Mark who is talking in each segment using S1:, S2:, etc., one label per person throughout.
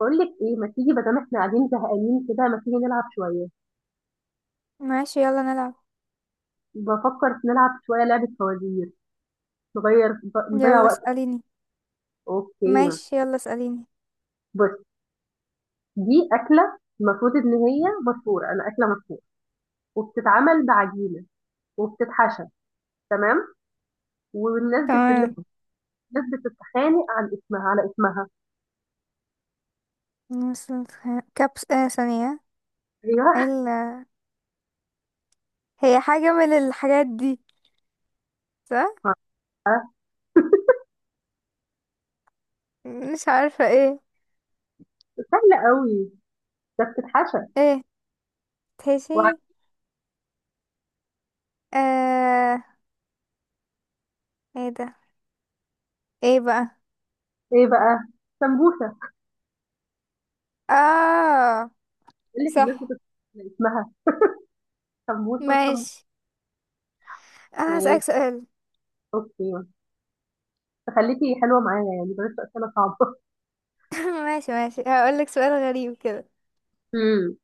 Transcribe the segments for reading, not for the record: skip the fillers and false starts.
S1: بقول لك ايه، ما تيجي بدل احنا قاعدين زهقانين كده، ما تيجي نلعب شويه.
S2: ماشي، يلا نلعب.
S1: بفكر نلعب شويه لعبه فوازير. نغير نضيع
S2: يلا
S1: وقت.
S2: اسأليني.
S1: اوكي.
S2: ماشي، يلا اسأليني.
S1: بص، دي اكله المفروض ان هي مشهوره، انا اكله مشهوره وبتتعمل بعجينه وبتتحشى، تمام. والناس
S2: تمام.
S1: الناس بتتخانق عن اسمها، على اسمها.
S2: مثل. كبس آه ثانية.
S1: ايوه.
S2: ال... هي حاجة من الحاجات دي، صح؟ مش عارفة ايه.
S1: سهله قوي. ده بتتحشى
S2: ايه تهشي.
S1: وعلى.
S2: آه. ايه ده؟ ايه بقى؟
S1: ايه بقى؟ سمبوسه.
S2: اه.
S1: بقول لك الناس
S2: صح.
S1: بتتخانق على اسمها، سمبوسه وسمبوسه.
S2: ماشي، انا
S1: ماشي.
S2: هسألك سؤال.
S1: اوكي. تخليكي حلوة معايا يعني، بلاش أسئلة صعبة.
S2: ماشي ماشي، هقولك سؤال غريب كده.
S1: امم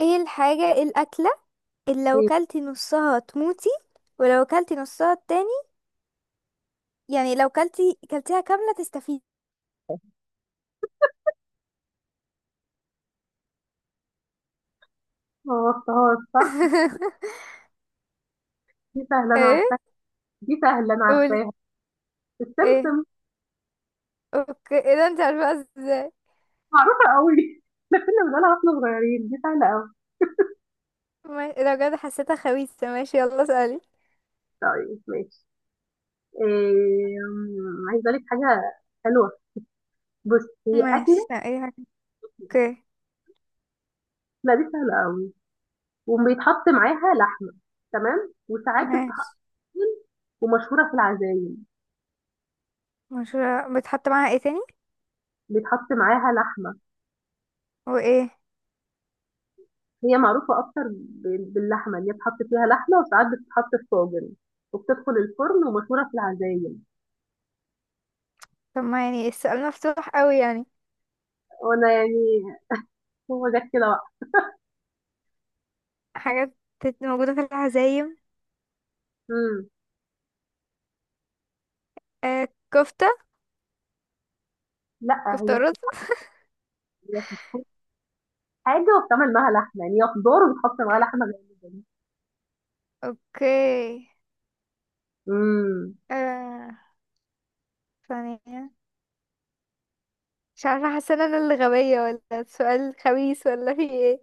S2: ايه الحاجة إيه الأكلة اللي لو
S1: طيب.
S2: كلتي نصها تموتي، ولو كلتي نصها التاني، يعني لو كلتيها كاملة تستفيدي.
S1: ما وصفهاش صح. دي سهلة أنا
S2: ايه؟
S1: عارفاها. دي سهلة أنا
S2: قولي.
S1: عارفاها.
S2: ايه.
S1: السمسم.
S2: اوكي، ايه ده، انت عارفه ازاي؟
S1: معروفة قوي. احنا كنا بنقولها واحنا صغيرين، دي سهلة قوي.
S2: ماشي، لو بجد حسيتها خبيثه، ماشي، يلا اسالي.
S1: طيب ماشي. إيه... أم، عايزة أقول لك حاجة حلوة. بص، هي
S2: ماشي،
S1: أكلة.
S2: لا، ايه حاجه. اوكي.
S1: لا، دي سهلة قوي، وبيتحط معاها لحمة، تمام، وساعات
S2: ماشي.
S1: بتتحط، ومشهورة في العزايم.
S2: مشهورة، بتحط معاها ايه تاني؟
S1: بيتحط معاها لحمة.
S2: وايه؟
S1: هي معروفة أكتر باللحمة، اللي هي بتحط فيها لحمة، وساعات بتتحط في طاجن وبتدخل الفرن، ومشهورة في العزايم.
S2: طب، ما يعني السؤال مفتوح قوي يعني.
S1: وأنا يعني هو جت كده بقى.
S2: حاجات موجوده في العزايم.
S1: مم.
S2: آه، كفته.
S1: لا،
S2: كفته ورز.
S1: هي بتكون حاجة وبتعمل معاها لحمة، يعني هي خضار وبتحط معاها لحمة غير.
S2: اوكي.
S1: امم.
S2: آه، ثانيه. مش عارفه، حاسه ان انا اللي غبيه ولا السؤال خبيث ولا في ايه؟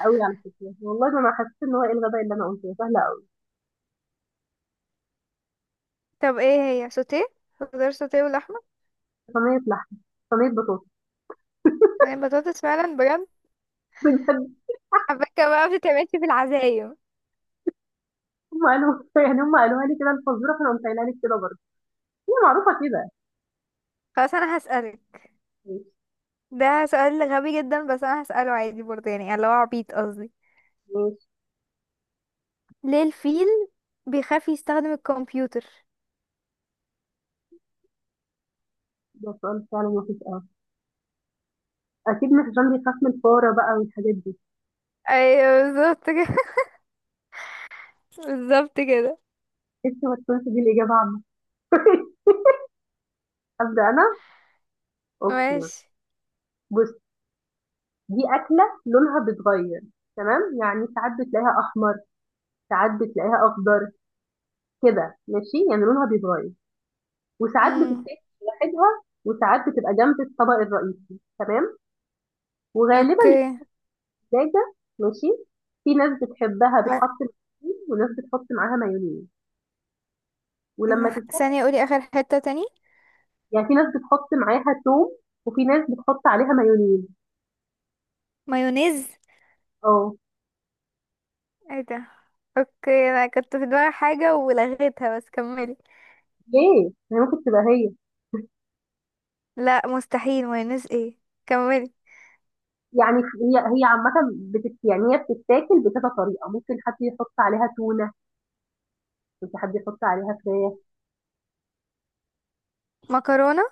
S1: قوي على فكرة والله. ده أنا حسيت إن هو إيه الغباء اللي أنا قلته، سهلة قوي.
S2: طب ايه هي، سوتيه؟ خضار سوتيه ولحمه؟
S1: صينية لحمة، صينية بطاطس.
S2: صينية بطاطس، فعلا بجد؟
S1: بجد.
S2: حبكة بقى بتتعملش في العزايم.
S1: هم قالوا، يعني هم قالوها لي كده الفزورة، فأنا قمت قايلها لك كده برضه، هي معروفة كده.
S2: خلاص، انا هسألك.
S1: ماشي
S2: ده سؤال غبي جدا، بس انا هسأله عادي برضه، يعني اللي هو عبيط قصدي.
S1: ماشي.
S2: ليه الفيل بيخاف يستخدم الكمبيوتر؟
S1: ده سؤال فعلا وحش قوي. اكيد مش عشان بيخاف من الفاره بقى والحاجات دي؟
S2: ايوه، بالظبط كده. بالظبط كده.
S1: انت ما تكونش دي الاجابه عنه. ابدا. انا اوكي.
S2: ماشي.
S1: بص، دي اكله لونها بيتغير، تمام، يعني ساعات بتلاقيها احمر، ساعات بتلاقيها اخضر، كده ماشي، يعني لونها بيتغير، وساعات
S2: امم.
S1: بتتاكل لوحدها، وساعات بتبقى جنب الطبق الرئيسي، تمام، وغالبا
S2: اوكي.
S1: دجاجه. ماشي. في ناس بتحبها
S2: لا،
S1: بتحط معاها طحين، وناس بتحط معاها مايونيز ولما تتسبك.
S2: ثانية، قولي اخر حتة تاني.
S1: يعني في ناس بتحط معاها توم، وفي ناس بتحط عليها مايونيز.
S2: مايونيز؟
S1: اه.
S2: ايه ده؟ اوكي، انا كنت في دماغي حاجة ولغيتها، بس كملي.
S1: ليه؟ هي ممكن تبقى هي.
S2: لا، مستحيل مايونيز، ايه؟ كملي.
S1: يعني هي عامة بتت، يعني هي بتتاكل بكذا طريقة، ممكن حد يحط عليها تونة، ممكن حد يحط عليها فراخ.
S2: مكرونة.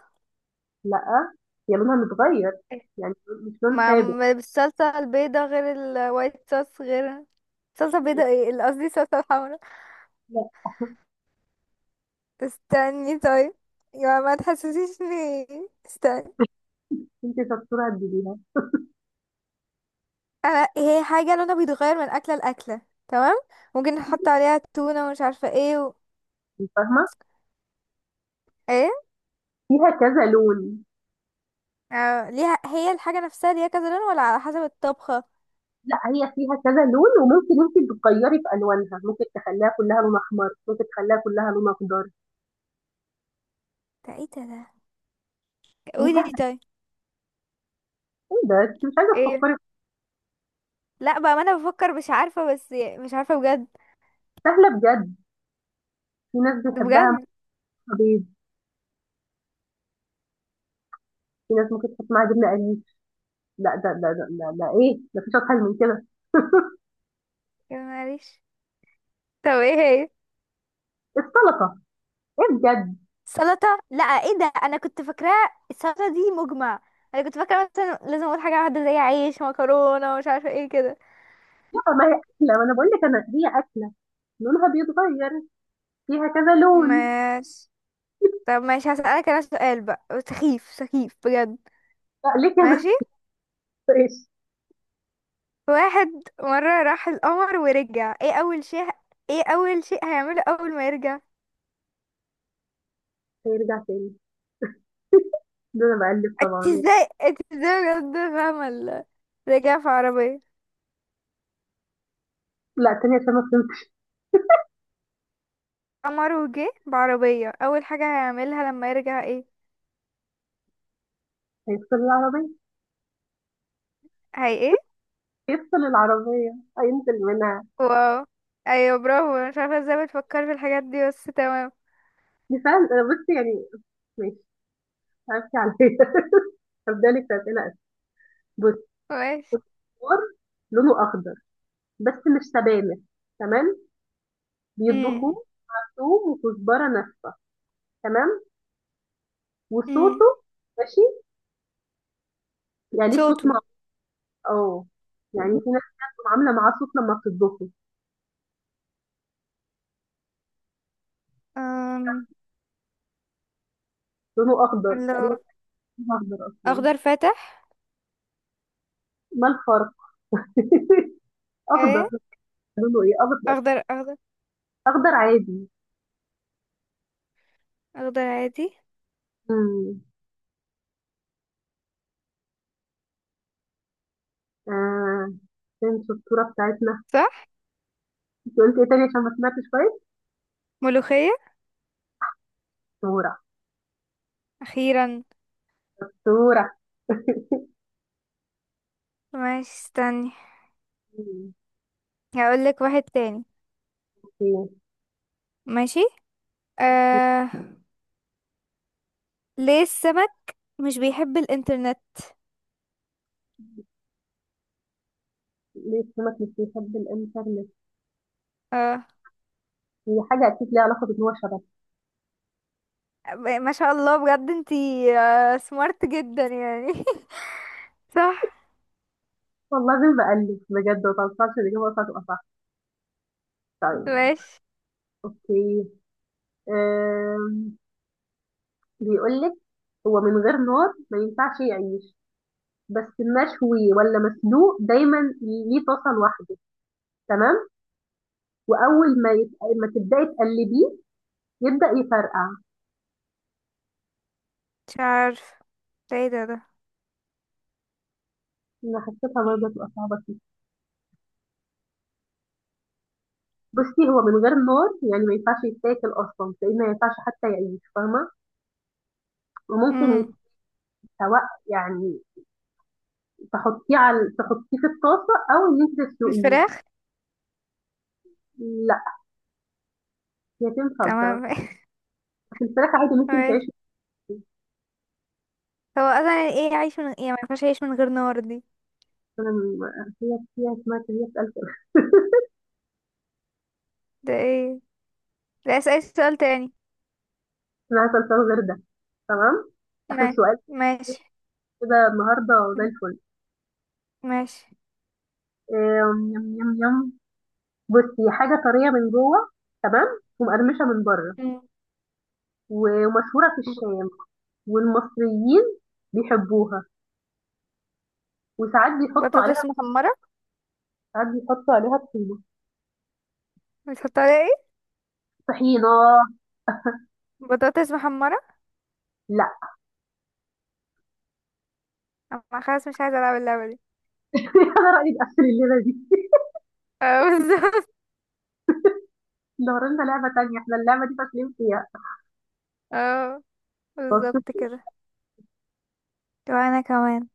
S1: لا، هي لونها متغير، يعني مش لون ثابت.
S2: بالصلصة البيضة غير، الوايت صوص غير. صلصة بيضة، ايه اللي قصدي، صلصة حمرا.
S1: لا.
S2: استني طيب. يا ما تحسسيشني. استني.
S1: انت شطورة تجيبيها.
S2: انا هي حاجة لونها بيتغير من أكلة لأكلة، تمام. ممكن نحط عليها تونة ومش عارفة ايه.
S1: انت فاهمة.
S2: ايه.
S1: فيها كذا لون.
S2: آه، ليها، هي الحاجة نفسها ليها كذا لون ولا على حسب الطبخة؟
S1: لا، هي فيها كذا لون، وممكن انت تغيري في الوانها، ممكن تخليها كلها لون احمر، ممكن تخليها كلها لون اخضر.
S2: ده ايه ده؟ ده
S1: دي
S2: قولي دي
S1: سهلة.
S2: طيب.
S1: ايه ده، انت مش عايزة
S2: ايه.
S1: تفكري؟
S2: لا بقى، ما انا بفكر، مش عارفة بس. مش عارفة بجد.
S1: سهلة بجد. في ناس بيحبها مع
S2: بجد.
S1: بيض، في ناس ممكن تحط معاها جبنة قريش. لا، ده ايه، مفيش اسهل من كده.
S2: يا معلش. طب ايه هي؟
S1: السلطه. ايه بجد.
S2: سلطة؟ لا، ايه ده، انا كنت فاكراه السلطة دي مجمع. انا كنت فاكرة مثلا لازم اقول حاجة واحدة زي عيش، مكرونة، ومش عارفة ايه كده.
S1: لا، ما هي اكله، ما انا بقول لك انا هي اكله لونها بيتغير، فيها كذا لون.
S2: ماشي. طب ماشي، هسألك انا سؤال بقى، سخيف سخيف بجد.
S1: لا، ليه
S2: ماشي.
S1: كده؟ ايش.
S2: واحد، مرة راح القمر ورجع، ايه اول شيء؟ ايه اول شيء هيعمله اول ما يرجع؟
S1: هيرجع تاني؟ ده انا بقلب
S2: انت
S1: طبعا.
S2: ازاي، انت ازاي بجد فاهمة؟ رجع في عربية.
S1: لا، تاني عشان ما فهمتش.
S2: قمر وجه بعربية، اول حاجة هيعملها لما يرجع ايه؟
S1: هيفصل العربيه.
S2: هي ايه؟
S1: يفصل العربيه، هينزل منها.
S2: واو. ايوه، برافو. انا مش عارفه ازاي بتفكر في الحاجات دي، بس تمام.
S1: دي فعلا أنا، بص يعني، ماشي، هبكي عليها. هبدا لك اسئله أسهل. بص،
S2: ماشي.
S1: فور، لونه اخضر بس مش سبانخ، تمام،
S2: امم.
S1: بيطبخوه ثوم وكزبره ناشفه، تمام،
S2: امم.
S1: وصوته، ماشي، يعني ليه صوت
S2: صوته.
S1: مع. اه، يعني في ناس كده بتبقى عامله معاه صوت لما بتطبخه.
S2: أم...
S1: لونه اخضر
S2: لو.
S1: تقريبا. لونه اخضر اصلا.
S2: اخضر فاتح.
S1: ما الفرق؟ اخضر.
S2: ايه.
S1: لونه ايه؟ اخضر.
S2: اخضر اخضر.
S1: اخضر عادي.
S2: اخضر عادي.
S1: امم آه. فين الصورة بتاعتنا؟
S2: صح.
S1: انت قلت ايه تاني عشان ما سمعتش كويس؟
S2: ملوخية.
S1: صورة.
S2: اخيرا.
S1: صورة.
S2: ماشي، استني.
S1: مم.
S2: هقولك واحد تاني.
S1: اوكي.
S2: ماشي. آه... ليه السمك مش بيحب الانترنت؟
S1: ليه السمك مش بيحب الانترنت؟
S2: اه.
S1: هي حاجة اكيد ليها علاقة بان هو شبك.
S2: ما شاء الله بجد انتي. آه، سمارت جدا يعني. صح.
S1: والله زي ما بقلب بجد، ما توصلش الاجابة تبقى صح. طيب.
S2: ماشي.
S1: اوكي. آم، بيقول لك هو من غير نار ما ينفعش يعيش، بس مشوي ولا مسلوق دايما، ليه طاسه لوحده، تمام، واول ما يت... ما تبداي تقلبيه يبدا يفرقع.
S2: مش عارفه. ده ايه ده.
S1: انا حسيتها برضه تبقى صعبه فيه. بصي، هو من غير نار يعني ما ينفعش يتاكل اصلا، لان ما ينفعش حتى يعيش، فاهمه؟ وممكن
S2: امم.
S1: يتسوى، يعني تحطيه على، تحطيه في الطاسه او ان انت تسلقيه.
S2: بالفراخ.
S1: لا، هي تنفع بصراحه،
S2: تمام.
S1: بس الفراخ عادي ممكن
S2: تمام.
S1: تعيش.
S2: هو اصلا يعني ايه عايش من، يعني ما ينفعش يعيش من غير نار دي.
S1: انا م- هي، هي اسمها، هي بتقلق.
S2: ده ايه؟ ده اسأل سؤال تاني.
S1: انا عايزه الفراخ غير ده، تمام. آخر
S2: ما-
S1: سؤال.
S2: ماشي.
S1: كده النهاردة زي
S2: م-
S1: الفل.
S2: ماشي.
S1: يم يم يم. بصي، حاجة طرية من جوه، تمام، ومقرمشة من بره،
S2: مم.
S1: ومشهورة في
S2: ب-
S1: الشام، والمصريين بيحبوها، وساعات بيحطوا عليها،
S2: بطاطس محمرة.
S1: ساعات بيحطوا عليها طحينة.
S2: بتحط عليها ايه؟
S1: طحينة.
S2: بطاطس محمرة.
S1: لا.
S2: انا خلاص مش عايزة العب اللعبة دي.
S1: أنا رأيي نقفل الليلة دي.
S2: اه، بالظبط.
S1: لو لنا لعبة تانية، احنا اللعبة دي فاشلين
S2: اه، بالظبط
S1: فيها.
S2: كده. طب انا كمان.